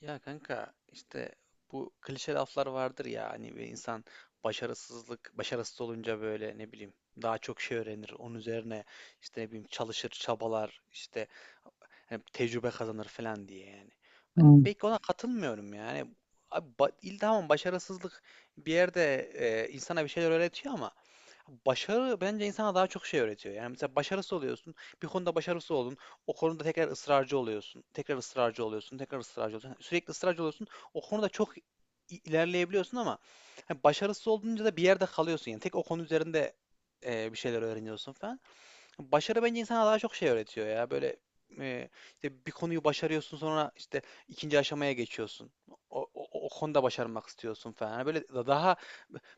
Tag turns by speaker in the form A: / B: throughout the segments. A: Ya kanka işte bu klişe laflar vardır ya hani bir insan başarısız olunca böyle ne bileyim daha çok şey öğrenir onun üzerine. İşte ne bileyim çalışır çabalar işte hani tecrübe kazanır falan diye yani. Ben
B: Hmm.
A: pek ona katılmıyorum yani. Abi tamam, başarısızlık bir yerde, insana bir şeyler öğretiyor ama başarı bence insana daha çok şey öğretiyor. Yani mesela başarısız oluyorsun, bir konuda başarısız oldun, o konuda tekrar ısrarcı oluyorsun, tekrar ısrarcı oluyorsun, tekrar ısrarcı oluyorsun. Yani sürekli ısrarcı oluyorsun, o konuda çok ilerleyebiliyorsun ama hani başarısız olduğunca da bir yerde kalıyorsun. Yani tek o konu üzerinde bir şeyler öğreniyorsun falan. Başarı bence insana daha çok şey öğretiyor ya. Böyle, e, işte bir konuyu başarıyorsun, sonra işte ikinci aşamaya geçiyorsun. O konuda başarmak istiyorsun falan. Hani böyle daha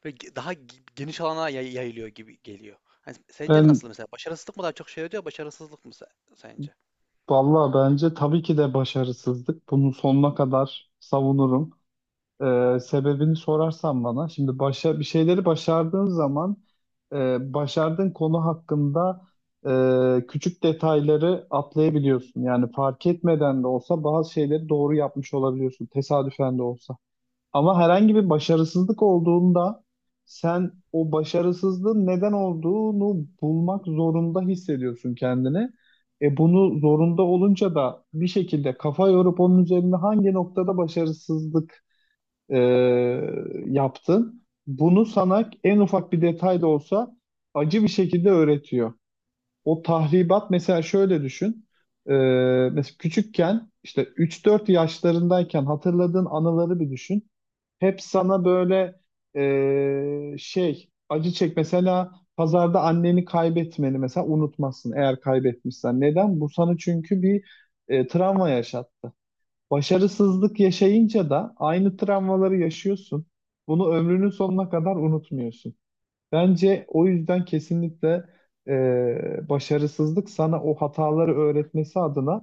A: böyle daha geniş alana yayılıyor gibi geliyor. Hani sence
B: Ben
A: nasıl mesela? Başarısızlık mı daha çok şey öğretiyor, başarısızlık mı sence?
B: valla bence tabii ki de başarısızlık. Bunu sonuna kadar savunurum. Sebebini sorarsan bana, bir şeyleri başardığın zaman başardığın konu hakkında küçük detayları atlayabiliyorsun. Yani fark etmeden de olsa bazı şeyleri doğru yapmış olabiliyorsun, tesadüfen de olsa. Ama herhangi bir başarısızlık olduğunda sen o başarısızlığın neden olduğunu bulmak zorunda hissediyorsun kendini. E bunu zorunda olunca da bir şekilde kafa yorup onun üzerinde hangi noktada başarısızlık e, yaptın, bunu sana en ufak bir detay da olsa acı bir şekilde öğretiyor. O tahribat mesela şöyle düşün. E, mesela küçükken işte 3-4 yaşlarındayken hatırladığın anıları bir düşün hep sana böyle acı çek. Mesela pazarda anneni kaybetmeni mesela unutmazsın eğer kaybetmişsen. Neden? Bu sana çünkü bir travma yaşattı. Başarısızlık yaşayınca da aynı travmaları yaşıyorsun. Bunu ömrünün sonuna kadar unutmuyorsun. Bence o yüzden kesinlikle başarısızlık sana o hataları öğretmesi adına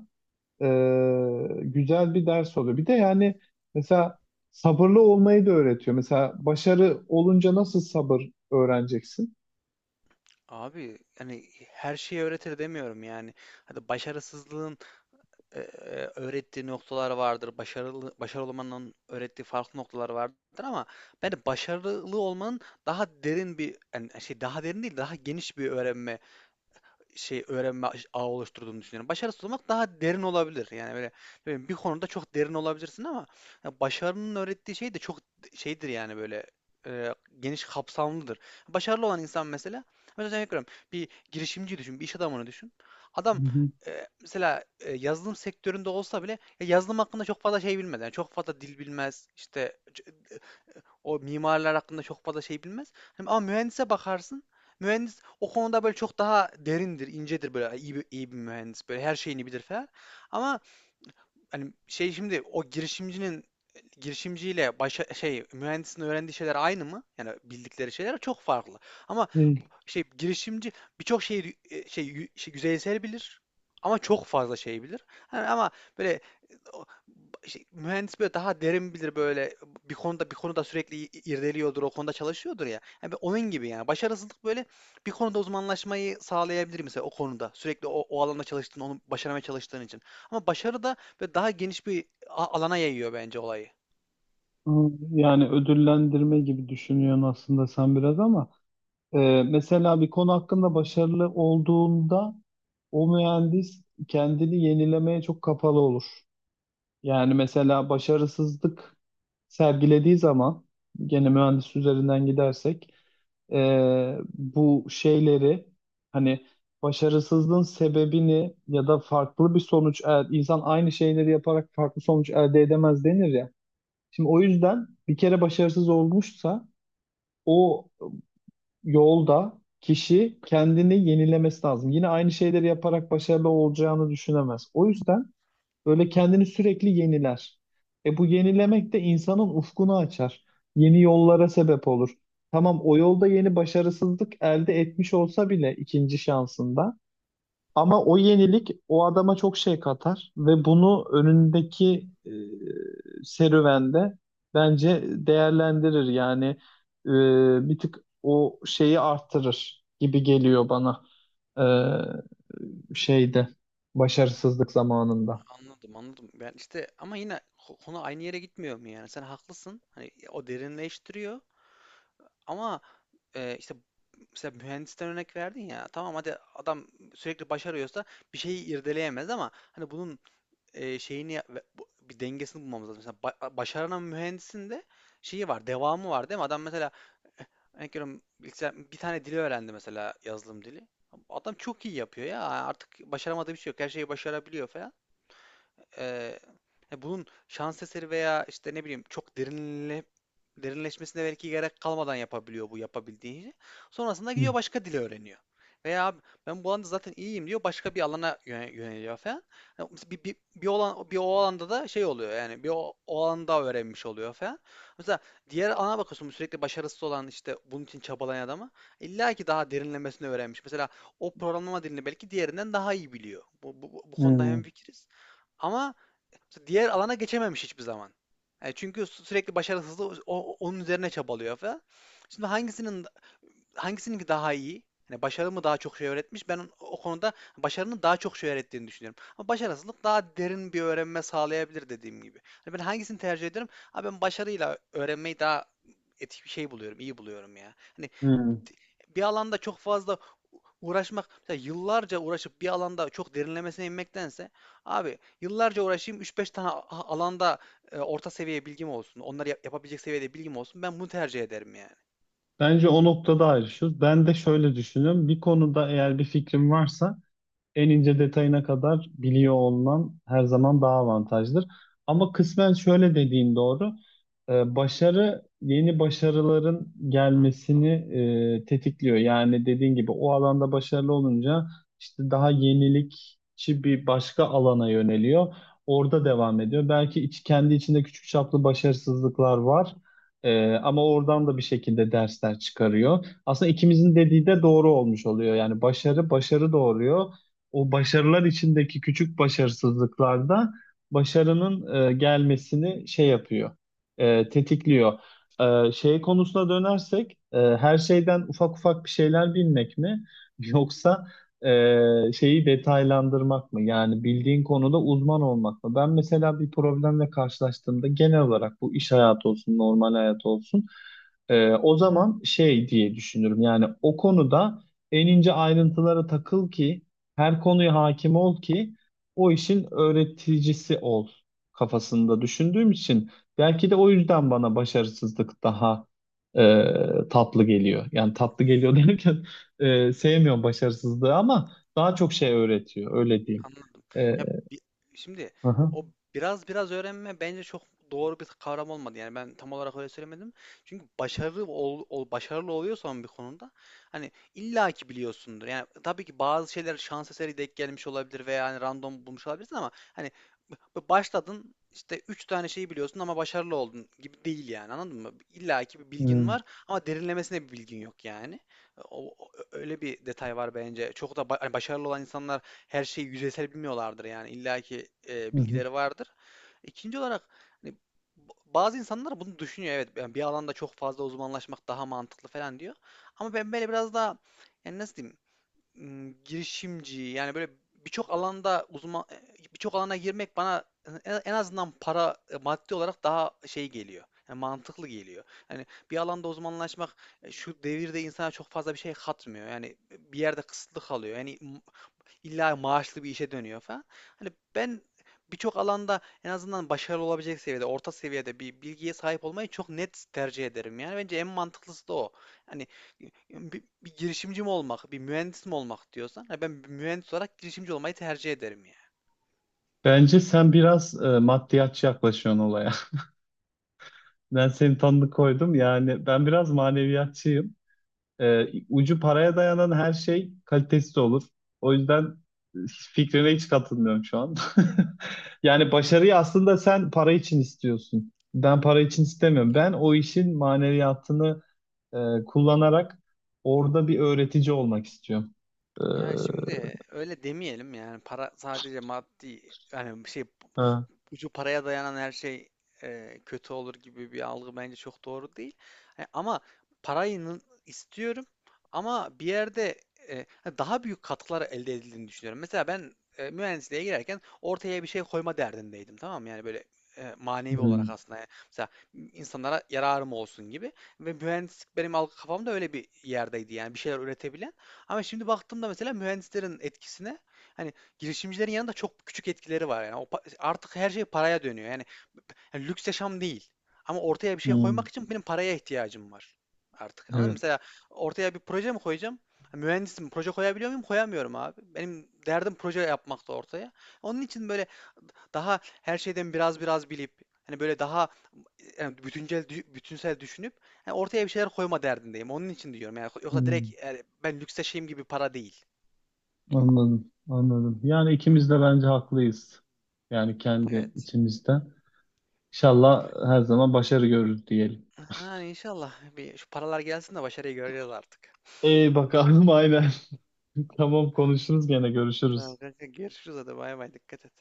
B: e, güzel bir ders oluyor. Bir de yani mesela sabırlı olmayı da öğretiyor. Mesela başarı olunca nasıl sabır öğreneceksin?
A: Abi hani her şeyi öğretir demiyorum yani. Hadi başarısızlığın öğrettiği noktalar vardır. Başarılı başarılı olmanın öğrettiği farklı noktalar vardır ama ben başarılı olmanın daha derin bir yani şey, daha derin değil, daha geniş bir öğrenme şey, öğrenme ağı oluşturduğunu düşünüyorum. Başarısız olmak daha derin olabilir. Yani böyle böyle bir konuda çok derin olabilirsin ama ya başarının öğrettiği şey de çok şeydir yani böyle, geniş kapsamlıdır. Başarılı olan insan mesela, mesela örnek bir girişimci düşün, bir iş adamını düşün. Adam
B: Hı hı,
A: mesela yazılım sektöründe olsa bile ya yazılım hakkında çok fazla şey bilmez. Yani çok fazla dil bilmez, işte o mimarlar hakkında çok fazla şey bilmez. Hani ama mühendise bakarsın. Mühendis o konuda böyle çok daha derindir, incedir, böyle iyi bir, iyi bir mühendis. Böyle her şeyini bilir falan. Ama hani şey, şimdi o girişimcinin girişimciyle başa, şey mühendisin öğrendiği şeyler aynı mı? Yani bildikleri şeyler çok farklı. Ama
B: değil.
A: şey, girişimci birçok şeyi şey, şey, yüzeysel bilir ama çok fazla şey bilir. Hani ama böyle o- şey, mühendis böyle daha derin bilir, böyle bir konuda sürekli irdeliyordur, o konuda çalışıyordur ya. Yani ben onun gibi yani başarısızlık böyle bir konuda uzmanlaşmayı sağlayabilir mesela o konuda. Sürekli o alanda çalıştığın, onu başarmaya çalıştığın için. Ama başarı da böyle daha geniş bir alana yayıyor bence olayı.
B: Ama yani ödüllendirme gibi düşünüyorsun aslında sen biraz ama mesela bir konu hakkında başarılı olduğunda o mühendis kendini yenilemeye çok kapalı olur. Yani mesela başarısızlık sergilediği zaman gene mühendis üzerinden gidersek bu şeyleri hani başarısızlığın sebebini ya da farklı bir insan aynı şeyleri yaparak farklı sonuç elde edemez denir ya. Şimdi o yüzden bir kere başarısız olmuşsa o yolda kişi kendini yenilemesi lazım. Yine aynı şeyleri yaparak başarılı olacağını düşünemez. O yüzden böyle kendini sürekli yeniler. E bu yenilemek de insanın ufkunu açar. Yeni yollara sebep olur. Tamam o yolda yeni başarısızlık elde etmiş olsa bile ikinci şansında. Ama o yenilik o adama çok şey katar ve bunu önündeki serüvende bence değerlendirir. Yani e, bir tık o şeyi arttırır gibi geliyor bana, e, şeyde başarısızlık zamanında.
A: Anladım anladım. Ben işte ama yine konu aynı yere gitmiyor mu yani? Sen haklısın. Hani o derinleştiriyor ama işte mesela mühendisten örnek verdin ya. Tamam, hadi adam sürekli başarıyorsa bir şeyi irdeleyemez, ama hani bunun şeyini ve bir dengesini bulmamız lazım. Mesela başaran mühendisin de şeyi var, devamı var değil mi? Adam mesela, örnek veriyorum, bir tane dili öğrendi, mesela yazılım dili. Adam çok iyi yapıyor ya. Artık başaramadığı bir şey yok. Her şeyi başarabiliyor falan. Eee, bunun şans eseri veya işte ne bileyim çok derinleşmesine belki gerek kalmadan yapabiliyor bu yapabildiğini. Sonrasında
B: Hı.
A: gidiyor başka dili öğreniyor. Veya abi ben bu alanda zaten iyiyim diyor, başka bir alana yöneliyor falan. Yani mesela bir o alanda da şey oluyor yani o alanda öğrenmiş oluyor falan. Mesela diğer alana bakıyorsun, sürekli başarısız olan işte bunun için çabalayan adama, illa ki daha derinlemesine öğrenmiş. Mesela o programlama dilini belki diğerinden daha iyi biliyor. Bu konuda
B: Hmm.
A: hemfikiriz. Ama işte diğer alana geçememiş hiçbir zaman. Yani çünkü sürekli başarısızlığı onun üzerine çabalıyor falan. Şimdi hangisininki daha iyi? Yani başarı mı daha çok şey öğretmiş? Ben o konuda başarının daha çok şey öğrettiğini düşünüyorum. Ama başarısızlık daha derin bir öğrenme sağlayabilir dediğim gibi. Hani ben hangisini tercih ederim? Abi ben başarıyla öğrenmeyi daha etik bir şey buluyorum, iyi buluyorum ya. Hani
B: Hmm.
A: bir alanda çok fazla uğraşmak, mesela yıllarca uğraşıp bir alanda çok derinlemesine inmektense, abi yıllarca uğraşayım üç beş tane alanda orta seviye bilgim olsun. Onları yapabilecek seviyede bilgim olsun. Ben bunu tercih ederim yani.
B: Bence o noktada ayrışıyoruz. Ben de şöyle düşünüyorum. Bir konuda eğer bir fikrim varsa en ince detayına kadar biliyor olman her zaman daha avantajdır. Ama kısmen şöyle dediğin doğru. Başarı yeni başarıların gelmesini tetikliyor. Yani dediğin gibi o alanda başarılı olunca işte daha yenilikçi bir başka alana yöneliyor. Orada devam ediyor. Belki kendi içinde küçük çaplı başarısızlıklar var. Ama oradan da bir şekilde dersler çıkarıyor. Aslında ikimizin dediği de doğru olmuş oluyor. Yani başarı doğuruyor, o başarılar içindeki küçük başarısızlıklarda başarının gelmesini şey yapıyor, tetikliyor. Şey konusuna dönersek, her şeyden ufak ufak bir şeyler bilmek mi, yoksa şeyi detaylandırmak mı? Yani bildiğin konuda uzman olmak mı? Ben mesela bir problemle karşılaştığımda genel olarak bu iş hayatı olsun, normal hayat olsun, o zaman şey diye düşünürüm. Yani o konuda en ince ayrıntılara takıl ki her konuya hakim ol ki o işin öğreticisi ol kafasında düşündüğüm için belki de o yüzden bana başarısızlık daha tatlı geliyor. Yani tatlı geliyor derken sevmiyorum başarısızlığı ama daha çok şey öğretiyor öyle diyeyim.
A: Anladım.
B: E,
A: Ya bi- şimdi
B: aha,
A: o biraz biraz öğrenme bence çok doğru bir kavram olmadı. Yani ben tam olarak öyle söylemedim. Çünkü başarılı başarılı oluyorsan bir konuda hani illaki biliyorsundur. Yani tabii ki bazı şeyler şans eseri denk gelmiş olabilir veya hani random bulmuş olabilirsin, ama hani başladın işte 3 tane şeyi biliyorsun ama başarılı oldun gibi değil yani, anladın mı? İllaki bir bilgin
B: hı,
A: var ama derinlemesine bir bilgin yok yani. Öyle bir detay var bence. Çok da hani başarılı olan insanlar her şeyi yüzeysel bilmiyorlardır yani illaki
B: hı hı.
A: bilgileri vardır. İkinci olarak hani bazı insanlar bunu düşünüyor, evet ben bir alanda çok fazla uzmanlaşmak daha mantıklı falan diyor. Ama ben böyle biraz daha, yani nasıl diyeyim, girişimci yani böyle birçok alanda uzman birçok alana girmek bana en en azından para, maddi olarak daha şey geliyor. Yani mantıklı geliyor. Yani bir alanda uzmanlaşmak şu devirde insana çok fazla bir şey katmıyor. Yani bir yerde kısıtlı kalıyor. Yani illa maaşlı bir işe dönüyor falan. Hani ben birçok alanda en azından başarılı olabilecek seviyede, orta seviyede bir bilgiye sahip olmayı çok net tercih ederim. Yani bence en mantıklısı da o. Hani bir girişimci mi olmak, bir mühendis mi olmak diyorsan, ha ben bir mühendis olarak girişimci olmayı tercih ederim yani.
B: Bence sen biraz maddiyatçı yaklaşıyorsun olaya. Ben seni tanıdık koydum yani ben biraz maneviyatçıyım. Ucu paraya dayanan her şey kalitesiz olur. O yüzden fikrine hiç katılmıyorum şu an. Yani başarıyı aslında sen para için istiyorsun. Ben para için istemiyorum. Ben o işin maneviyatını kullanarak orada bir öğretici olmak istiyorum. Ee,
A: Yani şimdi öyle demeyelim yani, para sadece maddi yani şey,
B: ha.
A: ucu paraya dayanan her şey kötü olur gibi bir algı bence çok doğru değil. E, ama parayı istiyorum, ama bir yerde e, daha büyük katkılar elde edildiğini düşünüyorum. Mesela ben mühendisliğe girerken ortaya bir şey koyma derdindeydim, tamam mı? Yani böyle manevi olarak
B: Hmm,
A: aslında. Yani mesela insanlara yararım olsun gibi. Ve mühendislik benim algı kafamda öyle bir yerdeydi yani, bir şeyler üretebilen. Ama şimdi baktığımda mesela mühendislerin etkisine, hani girişimcilerin yanında çok küçük etkileri var. Yani o artık her şey paraya dönüyor. Yani lüks yaşam değil. Ama ortaya bir şey
B: hmm.
A: koymak için benim paraya ihtiyacım var artık. Anladın mı? Mesela
B: Evet.
A: ortaya bir proje mi koyacağım? Ha, mühendisim, proje koyabiliyor muyum? Koyamıyorum abi. Benim derdim proje yapmakta ortaya. Onun için böyle daha her şeyden biraz biraz bilip hani böyle daha yani bütünsel düşünüp yani ortaya bir şeyler koyma derdindeyim. Onun için diyorum yani, yoksa
B: Hmm,
A: direkt yani ben lüks yaşayayım gibi para değil.
B: anladım. Anladım. Yani ikimiz de bence haklıyız. Yani kendi
A: Evet.
B: içimizde. İnşallah her zaman başarı görürüz diyelim.
A: Ha, inşallah. Bir şu paralar gelsin de başarıyı göreceğiz artık.
B: İyi bakalım, aynen. Tamam konuşuruz gene
A: Tamam
B: görüşürüz.
A: kanka, görüşürüz, hadi bay bay, dikkat et.